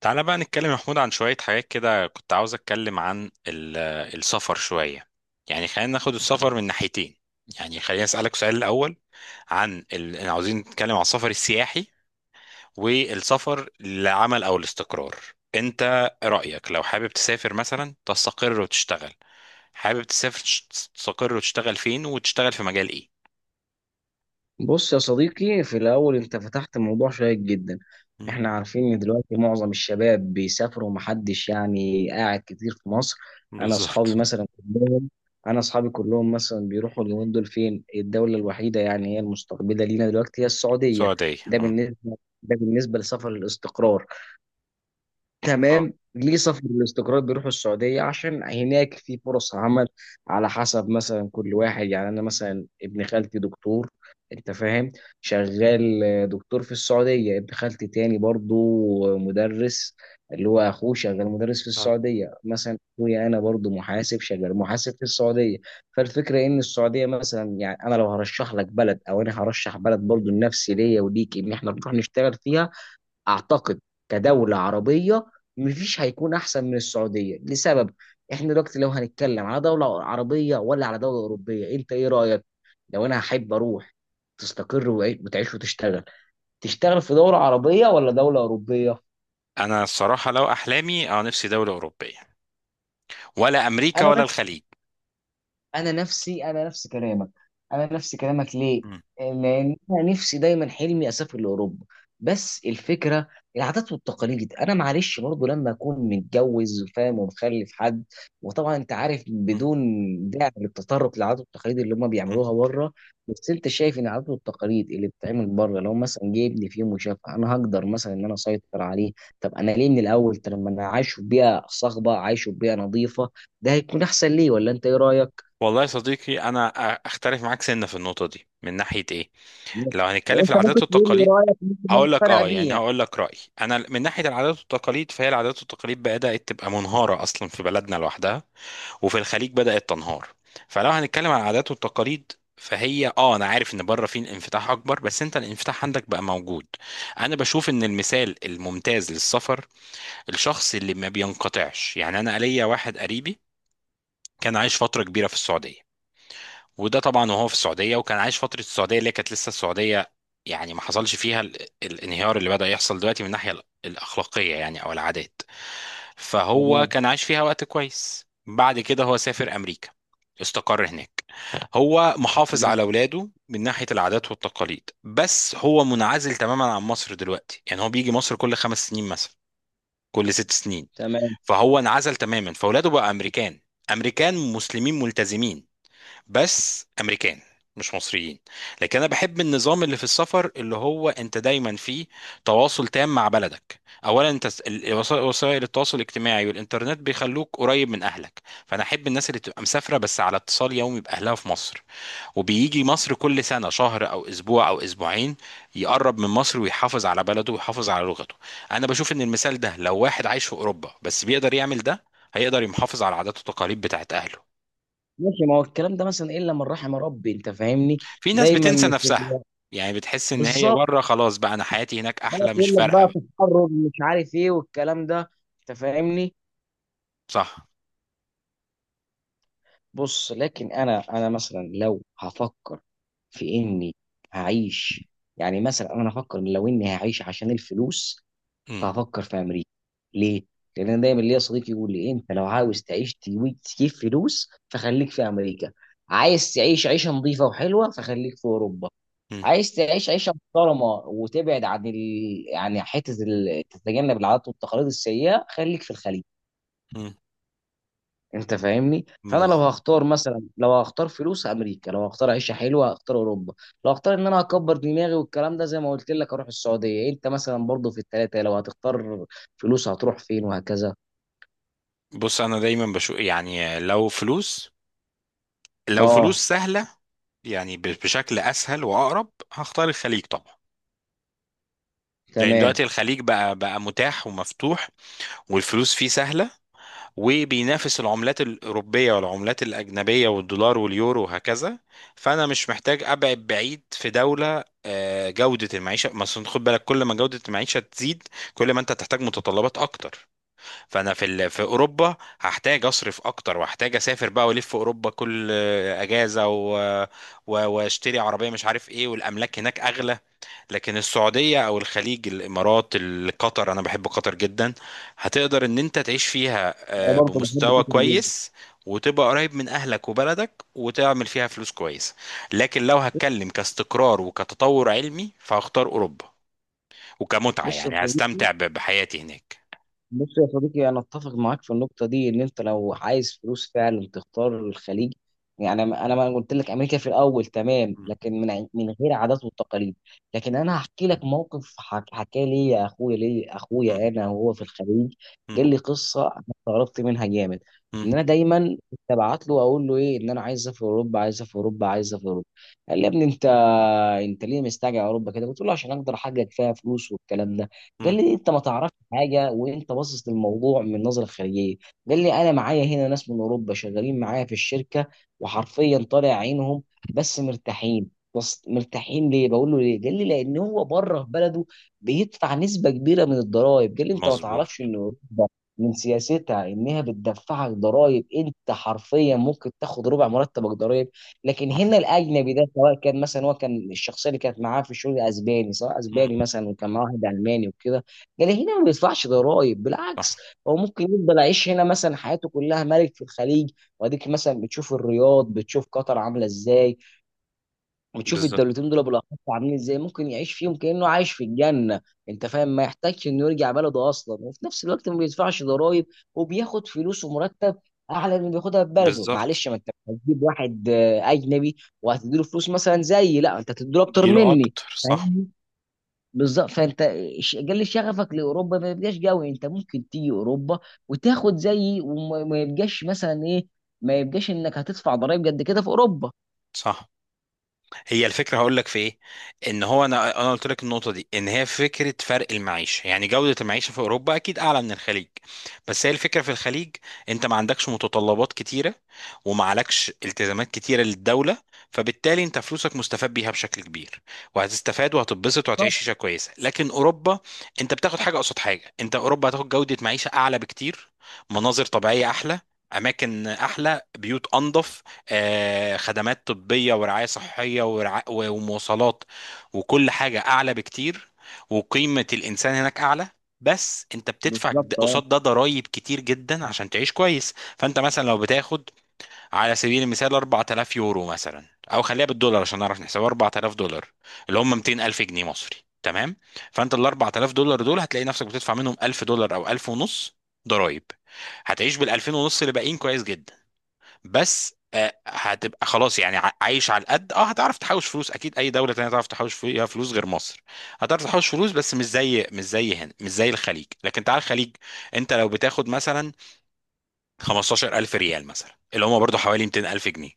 تعالى بقى نتكلم يا محمود عن شوية حاجات كده. كنت عاوز أتكلم عن السفر شوية. يعني خلينا ناخد السفر من ناحيتين. يعني خلينا أسألك سؤال الأول عن إحنا عاوزين نتكلم عن السفر السياحي والسفر للعمل أو الاستقرار. أنت رأيك لو حابب تسافر مثلا تستقر وتشتغل، حابب تسافر تستقر وتشتغل فين، وتشتغل في مجال إيه؟ بص يا صديقي، في الأول أنت فتحت موضوع شيق جدا. مم. إحنا عارفين إن دلوقتي معظم الشباب بيسافروا ومحدش يعني قاعد كتير في مصر. أنا أصحابي بالظبط. مثلا كلهم أنا أصحابي كلهم مثلا بيروحوا اليومين دول. فين الدولة الوحيدة يعني هي المستقبلة لينا دلوقتي؟ هي السعودية. سعودية ده أم. بالنسبة ده بالنسبة لسفر الاستقرار. اه. تمام، ليه سافر الاستقرار بيروحوا السعودية؟ عشان هناك في فرص عمل، على حسب مثلا كل واحد. يعني أنا مثلا ابن خالتي دكتور، أنت فاهم، شغال آه، دكتور في السعودية. ابن خالتي تاني برضو مدرس، اللي هو أخوه، شغال مدرس في اه. السعودية. مثلا أخويا أنا برضو محاسب، شغال محاسب في السعودية. فالفكرة إن السعودية مثلا، يعني أنا لو هرشح لك بلد، أو أنا هرشح بلد برضو لنفسي ليا وليك إن إحنا نروح نشتغل فيها، اعتقد كدوله عربيه مفيش هيكون احسن من السعوديه. لسبب، احنا دلوقتي لو هنتكلم على دوله عربيه ولا على دوله اوروبيه، انت ايه رايك؟ لو انا هحب اروح تستقر وتعيش وتشتغل، تشتغل في دوله عربيه ولا دوله اوروبيه؟ أنا الصراحة لو أحلامي نفسي دولة أوروبية، ولا أمريكا، ولا الخليج. انا نفسي انا نفس كلامك انا نفس كلامك. ليه؟ مم. لان انا نفسي دايما حلمي اسافر لاوروبا. بس الفكره، العادات والتقاليد، انا معلش برضه لما اكون متجوز، فاهم، ومخلف حد. وطبعا انت عارف مم. بدون داعي للتطرق للعادات والتقاليد اللي هم مم. بيعملوها بره. بس انت شايف ان العادات والتقاليد اللي بتتعمل بره، لو مثلا جايبني في يوم وشافها، انا هقدر مثلا ان انا اسيطر عليه؟ طب انا ليه من الاول؟ طب لما انا عايشه في بيئه صاخبه، عايشه في بيئه نظيفه، ده هيكون احسن ليه، ولا انت ايه رايك؟ والله يا صديقي، انا اختلف معاك سنه في النقطه دي من ناحيه ايه. لو هنتكلم في انت ممكن العادات تقول لي والتقاليد، رايك، ممكن انا هقول لك اقتنع بيه يعني يعني. هقول لك رايي، انا من ناحيه العادات والتقاليد فهي العادات والتقاليد بدات تبقى منهاره اصلا في بلدنا لوحدها. وفي الخليج بدات تنهار. فلو هنتكلم عن العادات والتقاليد، فهي انا عارف ان بره في انفتاح اكبر، بس انت الانفتاح عندك بقى موجود. انا بشوف ان المثال الممتاز للسفر الشخص اللي ما بينقطعش. يعني انا ليا واحد قريبي كان عايش فتره كبيره في السعوديه. وده طبعا، وهو في السعوديه، وكان عايش فتره السعوديه اللي هي كانت لسه السعوديه، يعني ما حصلش فيها الانهيار اللي بدأ يحصل دلوقتي من الناحيه الاخلاقيه، يعني او العادات. فهو تمام، كان عايش فيها وقت كويس. بعد كده هو سافر امريكا، استقر هناك. هو محافظ على تمام، اولاده من ناحيه العادات والتقاليد، بس هو منعزل تماما عن مصر دلوقتي. يعني هو بيجي مصر كل خمس سنين مثلا، كل ست سنين. تمام. فهو انعزل تماما، فاولاده بقى امريكان. امريكان مسلمين ملتزمين، بس امريكان، مش مصريين. لكن انا بحب النظام اللي في السفر اللي هو انت دايما فيه تواصل تام مع بلدك. اولا، انت وسائل التواصل الاجتماعي والانترنت بيخلوك قريب من اهلك. فانا احب الناس اللي تبقى مسافره بس على اتصال يومي باهلها في مصر، وبيجي مصر كل سنه شهر او اسبوع او اسبوعين، يقرب من مصر ويحافظ على بلده ويحافظ على لغته. انا بشوف ان المثال ده، لو واحد عايش في اوروبا بس بيقدر يعمل ده، هيقدر يحافظ على عادات وتقاليد بتاعت اهله. ماشي، ما هو الكلام ده مثلا الا من رحم ربي، انت فاهمني. في ناس دايما بتنسى مش نفسها، بيبقى- يعني بتحس ان هي بالظبط. بره خلاص، بقى انا حياتي هناك انا احلى مش بقول لك فارقه بقى بقى. تحرر مش عارف ايه والكلام ده، انت فاهمني. صح. بص، لكن انا مثلا لو هفكر في اني هعيش، يعني مثلا انا هفكر إن لو اني هعيش عشان الفلوس، مم. فهفكر في امريكا. ليه؟ لان انا دايما ليا صديق يقول لي، انت لو عاوز تعيش تجيب فلوس فخليك في امريكا. عايز تعيش عيشه نظيفه وحلوه فخليك في اوروبا. مم. عايز تعيش عيشه محترمه وتبعد عن ال... يعني حته ال... تتجنب العادات والتقاليد السيئه خليك في الخليج. مم. انت فاهمني. فانا لو بز- هختار مثلا، لو هختار فلوس، امريكا. لو هختار عيشه حلوه هختار اوروبا. لو هختار ان انا اكبر دماغي والكلام ده زي ما قلت لك اروح السعوديه. انت مثلا برضو في الثلاثه لو هتختار، فلوس هتروح فين وهكذا؟ بص انا دايما بشوف، يعني لو فلوس، لو فلوس اه، سهله، يعني بشكل اسهل واقرب هختار الخليج طبعا. يعني تمام. دلوقتي الخليج بقى متاح ومفتوح، والفلوس فيه سهله، وبينافس العملات الأوروبية والعملات الأجنبية والدولار واليورو وهكذا. فأنا مش محتاج أبعد بعيد في دولة. جودة المعيشة مثلا، خد بالك كل ما جودة المعيشة تزيد، كل ما أنت تحتاج متطلبات أكتر. فأنا في أوروبا هحتاج أصرف أكتر، وهحتاج أسافر بقى وألف في أوروبا كل أجازة، وأشتري عربية مش عارف إيه، والأملاك هناك أغلى. لكن السعودية أو الخليج، الإمارات، قطر، أنا بحب قطر جدا. هتقدر إن أنت تعيش فيها انا برضو بحب بمستوى كتر جدا. كويس، وتبقى قريب من أهلك وبلدك وتعمل فيها فلوس كويسة. لكن لو هتكلم كاستقرار وكتطور علمي فهختار أوروبا، وكمتعة بص يا يعني صديقي، هستمتع بحياتي هناك. بص يا صديقي، انا اتفق معاك في النقطه دي، ان انت م-. لو عايز فلوس فعلا تختار الخليج. يعني انا ما قلت لك امريكا في الاول تمام، م-. لكن من غير عادات والتقاليد. لكن انا هحكي لك موقف حكى لي يا اخويا، لي م-. اخويا انا وهو في الخليج. م-. قال لي قصه، انا استغربت منها جامد. م-. ان انا دايما كنت ابعت له، اقول له ايه، ان انا عايز اسافر اوروبا، عايز اسافر اوروبا، عايز اسافر اوروبا. قال لي، يا ابني انت ليه مستعجل على اوروبا كده؟ قلت له عشان اقدر احقق فيها فلوس والكلام ده. قال م. لي، انت ما تعرفش حاجه، وانت باصص للموضوع من نظره خارجيه. قال لي، انا معايا هنا ناس من اوروبا شغالين معايا في الشركه، وحرفيا طالع عينهم، بس مرتاحين. ليه؟ بقول له ليه. قال لي، لان هو بره في بلده بيدفع نسبه كبيره من الضرائب. قال لي، انت ما مظبوط. تعرفش ان اوروبا من سياستها انها بتدفعك ضرائب، انت حرفيا ممكن تاخد ربع مرتبك ضرائب. لكن صح. هنا الاجنبي ده، سواء كان مثلا، هو كان الشخصيه اللي كانت معاه في الشغل اسباني، سواء م-. اسباني مثلا، وكان معاه واحد الماني وكده. قال لي، هنا ما بيدفعش ضرائب، بالعكس. صح. هو ممكن يفضل عايش هنا مثلا حياته كلها ملك في الخليج. واديك مثلا بتشوف الرياض، بتشوف قطر عامله ازاي، وتشوف بالظبط. الدولتين دول بالاخص عاملين ازاي، ممكن يعيش فيهم كانه عايش في الجنه. انت فاهم، ما يحتاجش انه يرجع بلده اصلا، وفي نفس الوقت ما بيدفعش ضرائب، وبياخد فلوس ومرتب اعلى من اللي بياخدها في بلده. بالظبط. معلش، ما انت مش هتجيب واحد آه، اجنبي وهتديله فلوس مثلا زيي، لا، انت هتديله اكتر اديله مني، أكتر، صح. فاهمني. بالظبط. فانت قل شغفك لاوروبا، ما يبقاش قوي. انت ممكن تيجي اوروبا وتاخد زيي، وما ما يبقاش مثلا ايه، ما يبقاش انك هتدفع ضرائب قد كده في اوروبا. صح. هي الفكره هقول لك في ايه، ان هو انا قلت لك النقطه دي، ان هي فكره فرق المعيشه يعني جوده المعيشه في اوروبا اكيد اعلى من الخليج. بس هي الفكره في الخليج، انت ما عندكش متطلبات كتيره، وما عليكش التزامات كتيره للدوله، فبالتالي انت فلوسك مستفاد بيها بشكل كبير، وهتستفاد وهتتبسط بالظبط، وهتعيش عيشه كويسه. لكن اوروبا، انت بتاخد حاجه قصاد حاجه، انت اوروبا هتاخد جوده معيشه اعلى بكتير، مناظر طبيعيه احلى، اماكن احلى، بيوت انظف، خدمات طبية، ورعاية صحية ومواصلات، وكل حاجة أعلى بكتير، وقيمة الإنسان هناك أعلى. بس أنت بتدفع بالظبط. اه، قصاد ده ضرايب كتير جدا عشان تعيش كويس. فأنت مثلا لو بتاخد على سبيل المثال 4000 يورو مثلا، أو خليها بالدولار عشان نعرف نحسبها $4000، اللي هم 200 ألف جنيه مصري. تمام. فأنت ال $4000 دول هتلاقي نفسك بتدفع منهم $1000 أو 1000 ونص ضرايب. هتعيش بال 2000 ونص اللي باقيين كويس جدا. بس هتبقى خلاص، يعني عايش على القد. اه هتعرف تحوش فلوس اكيد، اي دوله تانية تعرف تحوش فيها فلوس غير مصر. هتعرف تحوش فلوس بس مش زي هنا، مش زي الخليج. لكن تعال الخليج، انت لو بتاخد مثلا 15000 ريال مثلا، اللي هم برضو حوالي 200000 جنيه.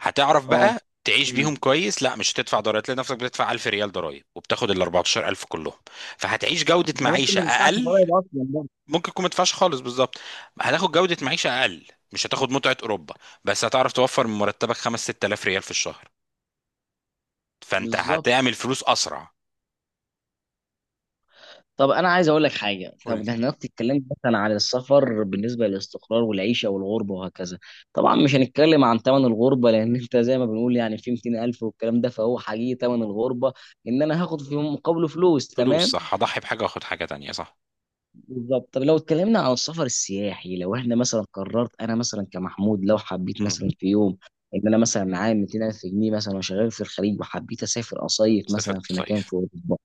هتعرف اه، بقى تعيش فعلا. بيهم كويس. لا مش هتدفع ضرائب، لنفسك بتدفع 1000 ريال ضرائب، وبتاخد ال 14000 كلهم. فهتعيش جوده انت ممكن معيشه ما تدفعش اقل. ضرايب اصلا برضه. ممكن يكون مدفعش خالص، بالظبط. هتاخد جودة معيشة أقل. مش هتاخد متعة أوروبا. بس هتعرف توفر من مرتبك 5 6000 ريال في الشهر. فأنت بالظبط. هتعمل فلوس أسرع. طب انا عايز اقول لك حاجه. قول طب ده لي. احنا دلوقتي اتكلمنا مثلا على السفر بالنسبه للاستقرار والعيشه والغربه وهكذا. طبعا مش هنتكلم عن ثمن الغربه، لان انت زي ما بنقول يعني في 200,000 والكلام ده، فهو حقيقي ثمن الغربه، ان انا هاخد في مقابله فلوس. فلوس تمام، صح، هضحي بحاجة وآخد حاجة تانية، صح. بالظبط. طب لو اتكلمنا عن السفر السياحي. لو احنا مثلا قررت، انا مثلا كمحمود، لو حبيت مم. مثلا في يوم ان انا مثلا معايا 200,000 جنيه مثلا، وشغال في الخليج، وحبيت اسافر اصيف مثلا سافرت في مكان في صيف اوروبا،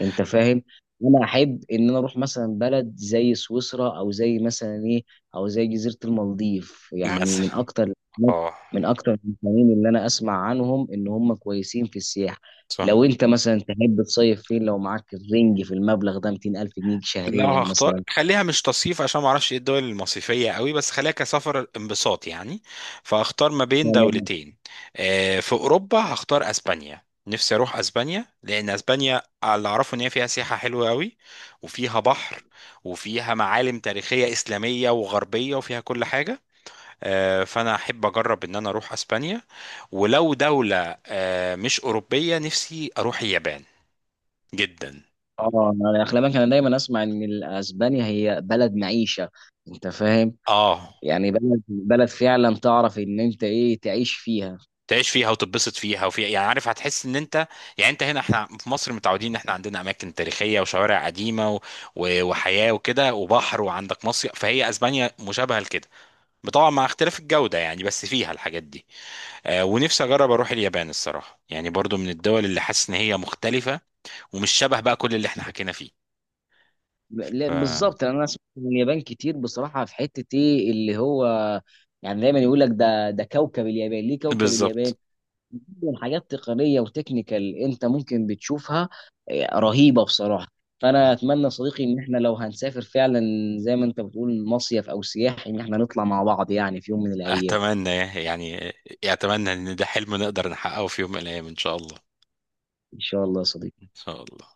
انت فاهم. انا احب ان انا اروح مثلا بلد زي سويسرا، او زي مثلا ايه، او زي جزيره المالديف، يعني من مثلا. اكتر، اه. المكانين اللي انا اسمع عنهم ان هم كويسين في السياحه. لو صح. انت مثلا تحب تصيف فين، لو معاك الرينج في المبلغ ده 200,000 الف جنيه لو شهريا هختار مثلا؟ خليها مش تصيف عشان ما اعرفش ايه الدول المصيفيه قوي، بس خليها كسفر انبساط يعني. فهختار ما بين تمام. دولتين. في اوروبا هختار اسبانيا. نفسي اروح اسبانيا لان اسبانيا، على اللي اعرفه، ان هي فيها سياحه حلوه قوي، وفيها بحر، وفيها معالم تاريخيه اسلاميه وغربيه وفيها كل حاجه. فانا احب اجرب ان انا اروح اسبانيا. ولو دوله مش اوروبيه، نفسي اروح اليابان جدا. اه، انا اخلاقك، انا دايما اسمع ان ال- اسبانيا هي بلد معيشه، انت فاهم، اه. يعني بلد، فعلا تعرف ان انت ايه تعيش فيها. تعيش فيها وتتبسط فيها وفي، يعني عارف هتحس ان انت، يعني انت هنا احنا في مصر متعودين ان احنا عندنا اماكن تاريخيه وشوارع قديمه وحياه وكده وبحر وعندك مصيف. فهي اسبانيا مشابهه لكده، طبعا مع اختلاف الجوده يعني، بس فيها الحاجات دي. ونفسي اجرب اروح اليابان الصراحه، يعني برضو من الدول اللي حاسس ان هي مختلفه، ومش شبه بقى كل اللي احنا حكينا فيه. لا ف... بالظبط، لأن انا سمعت من اليابان كتير بصراحه، في حته ايه اللي هو يعني، دايما يقول لك ده، كوكب اليابان. ليه كوكب اليابان؟ بالظبط. من حاجات تقنيه وتكنيكال انت ممكن بتشوفها، إيه، رهيبه بصراحه. فانا اتمنى يا صديقي، ان احنا لو هنسافر فعلا زي ما انت بتقول مصيف او سياحي، ان احنا نطلع مع بعض يعني في يوم من الايام. اتمنى يعني. اتمنى ان ده حلم نقدر نحققه في يوم من الايام ان شاء الله. ان شاء الله يا ان صديقي. شاء الله.